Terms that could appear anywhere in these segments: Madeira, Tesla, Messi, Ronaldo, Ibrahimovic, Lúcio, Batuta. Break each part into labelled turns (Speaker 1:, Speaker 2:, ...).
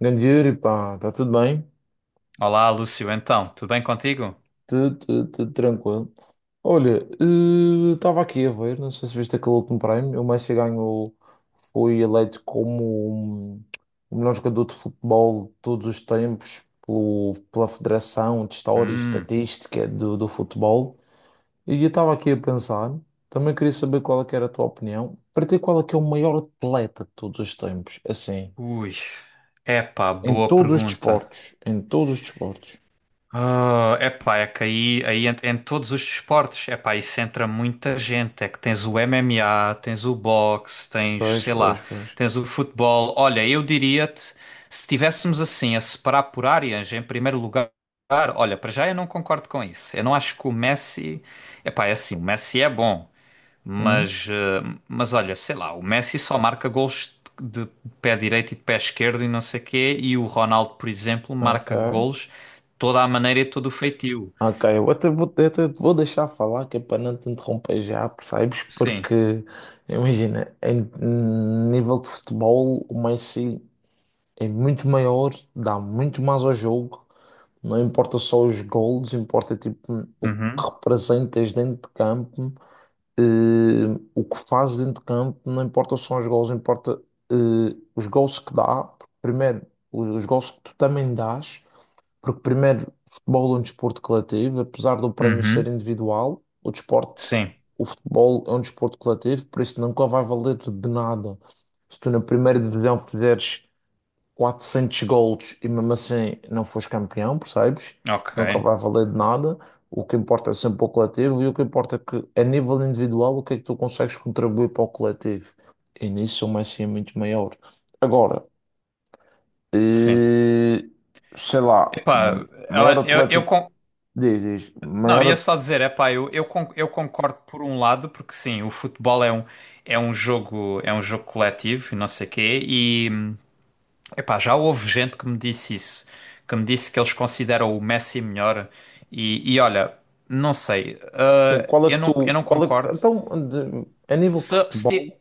Speaker 1: Grande Yuri, pá, está tudo bem?
Speaker 2: Olá, Lúcio. Então, tudo bem contigo?
Speaker 1: Tudo, tudo, tudo tranquilo. Olha, estava aqui a ver, não sei se viste aquele último prémio, o Messi ganhou, foi eleito como o melhor jogador de futebol de todos os tempos pela Federação de História e
Speaker 2: Hum,
Speaker 1: Estatística do Futebol. E eu estava aqui a pensar, também queria saber qual é que era a tua opinião, para ti qual é que é o maior atleta de todos os tempos, assim,
Speaker 2: ui. Epá,
Speaker 1: em
Speaker 2: boa
Speaker 1: todos os
Speaker 2: pergunta.
Speaker 1: desportos, em todos os desportos.
Speaker 2: Ah, epá, é que em todos os desportos, epá, isso entra muita gente. É que tens o MMA, tens o boxe, tens,
Speaker 1: Pois,
Speaker 2: sei
Speaker 1: pois,
Speaker 2: lá,
Speaker 1: pois.
Speaker 2: tens o futebol. Olha, eu diria-te, se estivéssemos assim a separar por áreas, em primeiro lugar, olha, para já eu não concordo com isso. Eu não acho que o Messi, epá, é assim, o Messi é bom.
Speaker 1: Hum,
Speaker 2: Mas, mas olha, sei lá, o Messi só marca gols de pé direito e de pé esquerdo e não sei quê, e o Ronaldo, por exemplo,
Speaker 1: ok.
Speaker 2: marca gols toda a maneira e todo o feitio.
Speaker 1: Ok, até te vou deixar falar, que é para não te interromper já, percebes?
Speaker 2: Sim.
Speaker 1: Porque, imagina, em nível de futebol, o Messi é muito maior, dá muito mais ao jogo. Não importa só os gols, importa tipo o que
Speaker 2: Uhum.
Speaker 1: representas dentro de campo, eh, o que fazes dentro de campo, não importa só os gols, importa eh, os gols que dá. Primeiro, os gols que tu também dás. Porque, primeiro, futebol é um desporto coletivo, apesar do prémio ser
Speaker 2: Uhum.
Speaker 1: individual, o desporto,
Speaker 2: Sim.
Speaker 1: o futebol é um desporto coletivo, por isso nunca vai valer de nada. Se tu na primeira divisão fizeres 400 golos e mesmo assim não fores campeão, percebes?
Speaker 2: Ok.
Speaker 1: Nunca vai valer de nada. O que importa é sempre o coletivo e o que importa é que, a nível individual, o que é que tu consegues contribuir para o coletivo. E nisso o Messi é muito maior. Agora,
Speaker 2: Sim.
Speaker 1: eh, sei lá,
Speaker 2: Epá,
Speaker 1: maior
Speaker 2: eu
Speaker 1: atleta. Diz, diz,
Speaker 2: não, ia
Speaker 1: maior,
Speaker 2: só dizer, epá, eu concordo por um lado, porque sim, o futebol é um jogo coletivo e não sei quê. Epá, já houve gente que me disse isso, que me disse que eles consideram o Messi melhor e olha, não sei,
Speaker 1: assim,
Speaker 2: eu não
Speaker 1: qual é que, tu-
Speaker 2: concordo.
Speaker 1: a nível de
Speaker 2: Se, se, ti-
Speaker 1: futebol,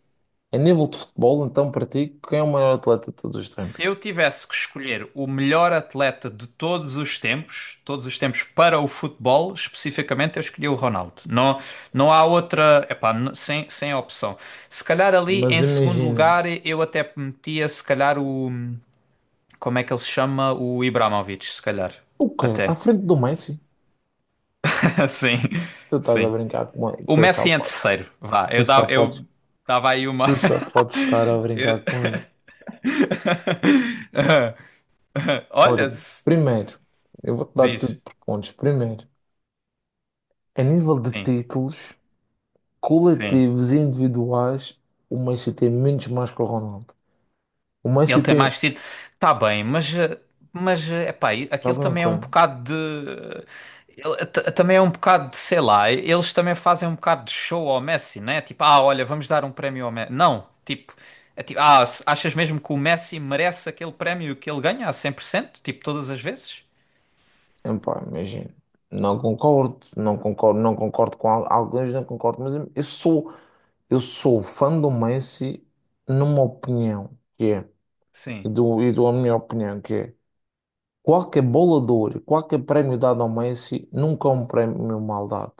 Speaker 1: então, para ti, quem é o maior atleta de todos os tempos?
Speaker 2: Se eu tivesse que escolher o melhor atleta de todos os tempos para o futebol, especificamente, eu escolhi o Ronaldo. Não, não há outra, epá, sem, sem opção. Se calhar ali
Speaker 1: Mas
Speaker 2: em segundo
Speaker 1: imagina,
Speaker 2: lugar eu até metia, se calhar o, como é que ele se chama? O Ibrahimovic, se calhar,
Speaker 1: o quê? À
Speaker 2: até.
Speaker 1: frente do Messi?
Speaker 2: Sim,
Speaker 1: Tu estás a
Speaker 2: sim.
Speaker 1: brincar com ele,
Speaker 2: O Messi em terceiro, vá.
Speaker 1: tu só
Speaker 2: Eu
Speaker 1: podes,
Speaker 2: dava aí uma.
Speaker 1: tu só podes estar a brincar
Speaker 2: Eu-
Speaker 1: com ele. Olha,
Speaker 2: Olha,
Speaker 1: primeiro, eu vou-te dar tudo
Speaker 2: diz.
Speaker 1: por pontos. Primeiro, a nível de
Speaker 2: Sim,
Speaker 1: títulos
Speaker 2: sim.
Speaker 1: coletivos e individuais, o Messi tem menos mais que o Ronaldo. O
Speaker 2: Ele
Speaker 1: Messi
Speaker 2: tem
Speaker 1: tem,
Speaker 2: mais tiro. Tá bem, mas, mas epá, aquilo
Speaker 1: sabem o
Speaker 2: também é
Speaker 1: quê?
Speaker 2: um bocado de. Também é um bocado de, sei lá, eles também fazem um bocado de show ao Messi, né? Tipo, ah, olha, vamos dar um prémio ao Messi. Não, tipo, é tipo, ah, achas mesmo que o Messi merece aquele prémio que ele ganha a cem por cento? Tipo, todas as vezes?
Speaker 1: Epá, imagina, não concordo, não concordo, não concordo com alguns, não concordo, mas eu sou fã do Messi numa opinião, que é, e
Speaker 2: Sim,
Speaker 1: dou, e dou a minha opinião, que é, qualquer bola de ouro, qualquer prémio dado ao Messi, nunca é um prémio mal dado,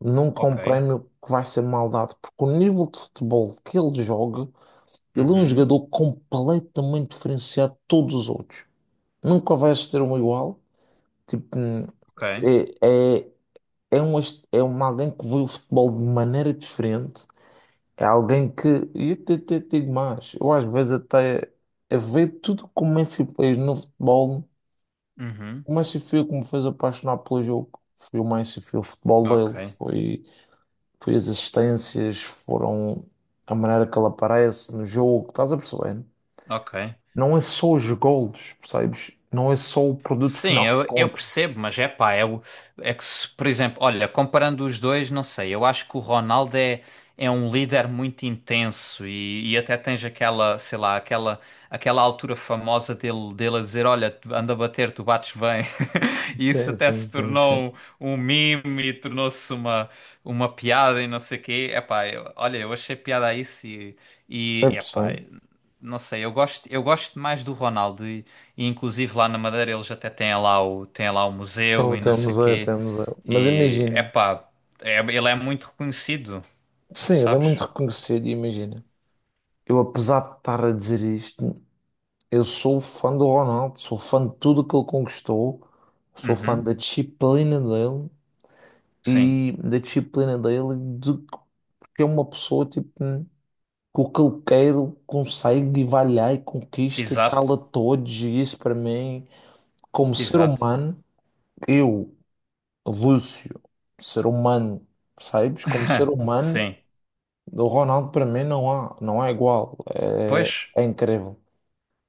Speaker 1: nunca é
Speaker 2: ok.
Speaker 1: um prémio que vai ser mal dado, porque o nível de futebol que ele joga, ele é um
Speaker 2: Uhum,
Speaker 1: jogador completamente diferenciado de todos os outros, nunca vai ser um igual, tipo…
Speaker 2: ok,
Speaker 1: É, é- é um, est- é um alguém que vê o futebol de maneira diferente. É alguém que, e eu até, até digo mais, eu às vezes até é ver tudo como o Messi fez no futebol.
Speaker 2: uhum,
Speaker 1: O Messi foi o que me fez apaixonar pelo jogo. Foi o Messi, foi o futebol
Speaker 2: ok,
Speaker 1: dele, foi as assistências, foram a maneira que ele aparece no jogo. Estás a perceber?
Speaker 2: ok.
Speaker 1: Não é só os golos, percebes? Não é só o produto
Speaker 2: Sim,
Speaker 1: final que
Speaker 2: eu
Speaker 1: conta.
Speaker 2: percebo, mas é pá, é que se, por exemplo, olha, comparando os dois, não sei, eu acho que é um líder muito intenso e até tens aquela, sei lá, aquela, aquela altura famosa dele, dele a dizer, olha, anda a bater, tu bates bem. E isso
Speaker 1: Sim,
Speaker 2: até
Speaker 1: sim,
Speaker 2: se
Speaker 1: sim, sim.
Speaker 2: tornou um meme e tornou-se uma piada e não sei o quê. É pá, olha, eu achei piada a isso e...
Speaker 1: É
Speaker 2: E, epá,
Speaker 1: possível.
Speaker 2: não sei, eu gosto mais do Ronaldo e inclusive lá na Madeira eles até têm têm lá o museu
Speaker 1: Então
Speaker 2: e não sei
Speaker 1: temos é,
Speaker 2: quê.
Speaker 1: temos é. Mas
Speaker 2: E
Speaker 1: imagina.
Speaker 2: epá, é, ele é muito reconhecido,
Speaker 1: Sim, ele é muito
Speaker 2: sabes?
Speaker 1: reconhecido, e imagina. Eu, apesar de estar a dizer isto, eu sou fã do Ronaldo, sou fã de tudo que ele conquistou, sou fã
Speaker 2: Uhum,
Speaker 1: da disciplina dele
Speaker 2: sim,
Speaker 1: e da disciplina dele, e de, porque é uma pessoa tipo, que o que ele quer, ele consegue e vai lá e conquista e
Speaker 2: exato,
Speaker 1: cala todos, e isso para mim, como ser
Speaker 2: exato.
Speaker 1: humano, eu, Lúcio, ser humano, sabes. Como ser humano.
Speaker 2: Sim,
Speaker 1: Do Ronaldo para mim não há igual. É,
Speaker 2: pois.
Speaker 1: é incrível.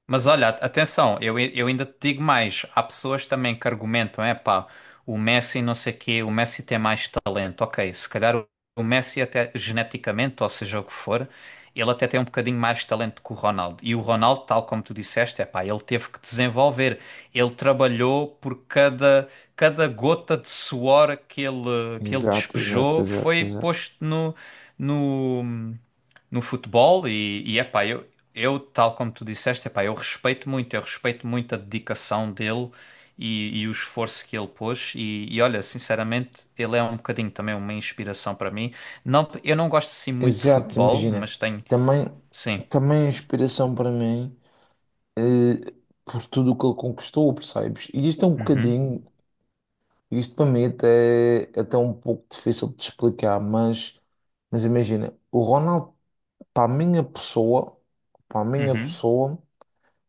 Speaker 2: Mas olha, atenção, eu ainda te digo mais. Há pessoas também que argumentam, é pá, o Messi não sei quê, o Messi tem mais talento. Ok, se calhar o Messi até geneticamente, ou seja o que for, ele até tem um bocadinho mais talento que o Ronaldo. E o Ronaldo, tal como tu disseste, é pá, ele teve que desenvolver. Ele trabalhou por cada gota de suor que ele
Speaker 1: Exato, exato,
Speaker 2: despejou
Speaker 1: exato,
Speaker 2: foi
Speaker 1: exato.
Speaker 2: posto no, no futebol e epá, tal como tu disseste, epá, eu respeito muito a dedicação dele e o esforço que ele pôs. E olha, sinceramente, ele é um bocadinho também uma inspiração para mim. Não, eu não gosto assim muito de
Speaker 1: Exato,
Speaker 2: futebol,
Speaker 1: imagina.
Speaker 2: mas tenho.
Speaker 1: Também,
Speaker 2: Sim.
Speaker 1: também a inspiração para mim, eh, por tudo o que ele conquistou, percebes? E isto é um
Speaker 2: Uhum,
Speaker 1: bocadinho, isto para mim até, até é um pouco difícil de explicar, mas imagina, o Ronaldo, para a minha pessoa, para a minha
Speaker 2: uhum.
Speaker 1: pessoa.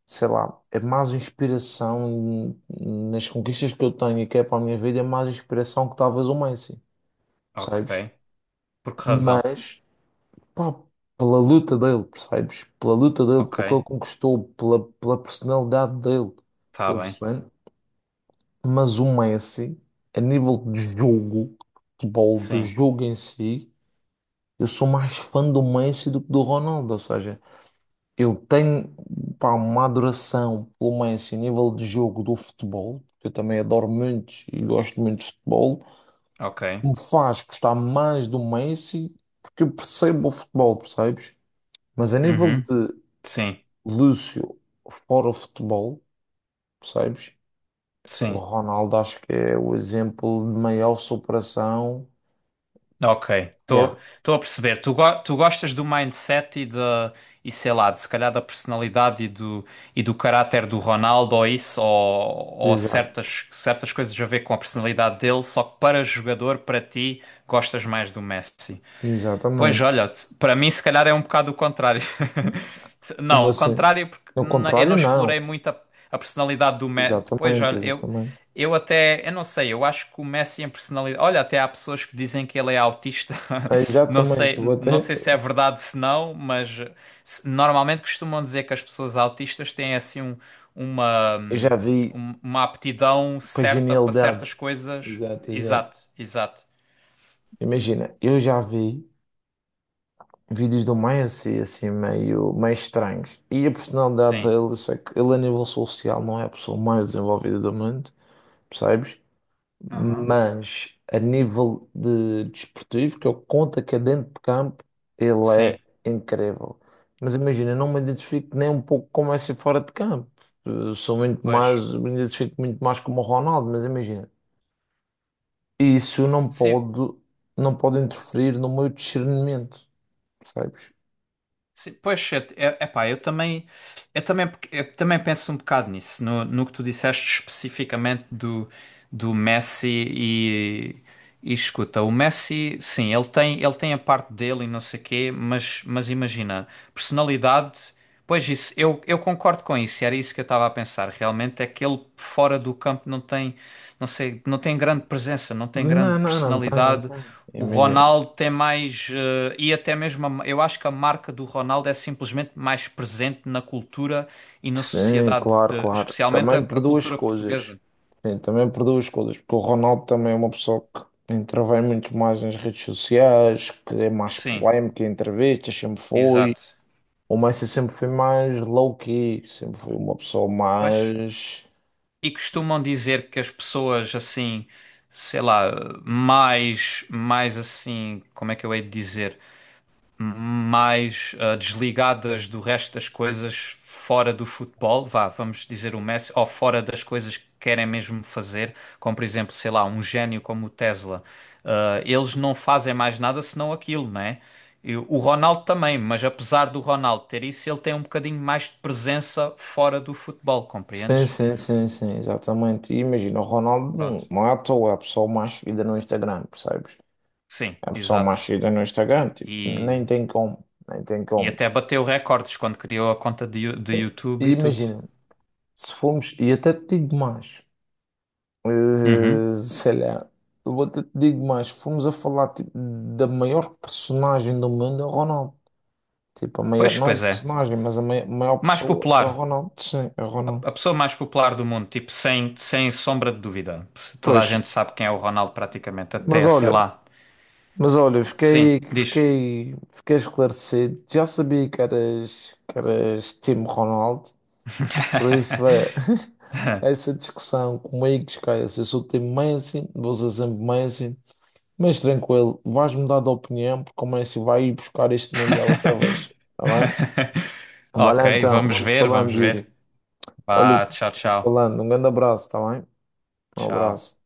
Speaker 1: Sei lá, a mais inspiração nas conquistas que eu tenho e que é para a minha vida, é mais inspiração que talvez o Messi,
Speaker 2: Ok.
Speaker 1: percebes?
Speaker 2: Por que razão?
Speaker 1: Mas, pá, pela luta dele, percebes? Pela luta dele,
Speaker 2: Ok.
Speaker 1: pelo que ele conquistou, pela personalidade dele,
Speaker 2: Tá
Speaker 1: estás a
Speaker 2: bem.
Speaker 1: perceber? Mas o Messi, a nível de jogo, de futebol, do
Speaker 2: Sim.
Speaker 1: jogo em si, eu sou mais fã do Messi do que do Ronaldo, ou seja. Eu tenho, pá, uma adoração pelo Messi a nível de jogo do futebol, que eu também adoro muito e gosto muito de futebol, que
Speaker 2: Ok.
Speaker 1: me faz gostar mais do Messi, porque eu percebo o futebol, percebes? Mas a nível
Speaker 2: Uhum.
Speaker 1: de
Speaker 2: Sim.
Speaker 1: Lúcio, fora o futebol, percebes? O
Speaker 2: Sim.
Speaker 1: Ronaldo acho que é o exemplo de maior superação.
Speaker 2: Ok,
Speaker 1: Yeah,
Speaker 2: estou a perceber. Tu, tu gostas do mindset e sei lá, de, se calhar da personalidade e do caráter do Ronaldo ou isso, ou
Speaker 1: exato,
Speaker 2: certas, certas coisas a ver com a personalidade dele, só que para jogador, para ti, gostas mais do Messi. Pois
Speaker 1: exatamente.
Speaker 2: olha, para mim se calhar é um bocado o contrário.
Speaker 1: Como
Speaker 2: Não, o
Speaker 1: assim?
Speaker 2: contrário porque
Speaker 1: No
Speaker 2: eu
Speaker 1: contrário,
Speaker 2: não explorei
Speaker 1: não.
Speaker 2: muito a personalidade do Messi. Pois
Speaker 1: Exatamente,
Speaker 2: olha,
Speaker 1: exatamente.
Speaker 2: eu até, eu não sei, eu acho que o Messi em personalidade. Olha, até há pessoas que dizem que ele é autista.
Speaker 1: É,
Speaker 2: Não
Speaker 1: exatamente, vou
Speaker 2: sei, não
Speaker 1: até.
Speaker 2: sei se é verdade se não, mas normalmente costumam dizer que as pessoas autistas têm assim uma,
Speaker 1: Eu já vi
Speaker 2: uma aptidão
Speaker 1: para
Speaker 2: certa para
Speaker 1: genialidade.
Speaker 2: certas coisas.
Speaker 1: Exato, exato.
Speaker 2: Exato, exato.
Speaker 1: Imagina, eu já vi vídeos do Maia assim, assim meio, meio estranhos. E a personalidade
Speaker 2: Sim,
Speaker 1: dele, sei que ele a nível social não é a pessoa mais desenvolvida do mundo, percebes?
Speaker 2: aham,
Speaker 1: Mas a nível de desportivo, que eu conto que é dentro de campo, ele é
Speaker 2: sim,
Speaker 1: incrível. Mas imagina, eu não me identifico nem um pouco como é ser fora de campo. Eu sou muito mais,
Speaker 2: pois.
Speaker 1: me identifico muito mais como o Ronaldo, mas imagina. E isso não
Speaker 2: Sim,
Speaker 1: pode, não pode interferir no meu discernimento, percebes?
Speaker 2: sim, pois é, é, epá, eu também, eu também penso um bocado nisso, no que tu disseste especificamente do Messi e escuta, o Messi, sim, ele tem a parte dele e não sei quê, mas imagina, personalidade, pois isso, eu concordo com isso, e era isso que eu estava a pensar, realmente é que ele fora do campo não tem, não sei, não tem grande presença, não tem grande
Speaker 1: Não, não, não tem, não
Speaker 2: personalidade.
Speaker 1: tem.
Speaker 2: O
Speaker 1: Imagina.
Speaker 2: Ronaldo tem mais. E até mesmo. Eu acho que a marca do Ronaldo é simplesmente mais presente na cultura e na
Speaker 1: Sim,
Speaker 2: sociedade,
Speaker 1: claro, claro.
Speaker 2: especialmente
Speaker 1: Também por
Speaker 2: a
Speaker 1: duas
Speaker 2: cultura
Speaker 1: coisas.
Speaker 2: portuguesa.
Speaker 1: Sim, também por duas coisas. Porque o Ronaldo também é uma pessoa que intervém muito mais nas redes sociais, que é mais
Speaker 2: Sim,
Speaker 1: polémica em entrevistas, sempre foi.
Speaker 2: exato.
Speaker 1: O Messi sempre foi mais low-key, sempre foi uma pessoa
Speaker 2: Pois.
Speaker 1: mais.
Speaker 2: E costumam dizer que as pessoas assim, sei lá, mais. Mais assim. Como é que eu hei de dizer? Mais desligadas do resto das coisas fora do futebol, vá, vamos dizer o Messi, ou fora das coisas que querem mesmo fazer, como por exemplo, sei lá, um gênio como o Tesla. Ah, eles não fazem mais nada senão aquilo, né? E o Ronaldo também, mas apesar do Ronaldo ter isso, ele tem um bocadinho mais de presença fora do futebol,
Speaker 1: Sim,
Speaker 2: compreendes?
Speaker 1: sim, sim, sim, exatamente. E imagina, o Ronaldo
Speaker 2: Pronto.
Speaker 1: não é à toa, é a pessoa mais seguida no Instagram, percebes?
Speaker 2: Sim,
Speaker 1: É a pessoa
Speaker 2: exato.
Speaker 1: mais seguida no Instagram, tipo, nem
Speaker 2: E,
Speaker 1: tem como, nem tem
Speaker 2: e
Speaker 1: como.
Speaker 2: até bateu recordes quando criou a conta de, de
Speaker 1: Sim. E
Speaker 2: YouTube e tudo.
Speaker 1: imagina, se formos, e até te digo mais,
Speaker 2: Uhum.
Speaker 1: sei lá, eu até te digo mais, se formos a falar, tipo, da maior personagem do mundo, é o Ronaldo. Tipo, a maior,
Speaker 2: Pois,
Speaker 1: não é
Speaker 2: pois é.
Speaker 1: personagem, mas a maior
Speaker 2: Mais
Speaker 1: pessoa é
Speaker 2: popular.
Speaker 1: o Ronaldo, sim, é o Ronaldo.
Speaker 2: A pessoa mais popular do mundo, tipo, sem, sem sombra de dúvida. Toda a
Speaker 1: Pois,
Speaker 2: gente sabe quem é o Ronaldo, praticamente.
Speaker 1: mas
Speaker 2: Até, sei
Speaker 1: olha.
Speaker 2: lá.
Speaker 1: Mas olha,
Speaker 2: Sim,
Speaker 1: fiquei,
Speaker 2: diz.
Speaker 1: fiquei, fiquei esclarecido. Já sabia que eras time Ronaldo, por isso vai essa discussão comigo, esquece. Eu sou time Messi, vou ser sempre Messi, mas tranquilo, vais mudar de opinião porque o Messi vai ir buscar este Mundial outra vez, tá bem? Vai
Speaker 2: Ok,
Speaker 1: lá então,
Speaker 2: vamos
Speaker 1: vamos
Speaker 2: ver, vamos
Speaker 1: falando,
Speaker 2: ver.
Speaker 1: Yuri. Olha,
Speaker 2: Vá, tchau,
Speaker 1: vamos
Speaker 2: tchau.
Speaker 1: falando. Um grande abraço, tá bem? Um
Speaker 2: Tchau.
Speaker 1: abraço.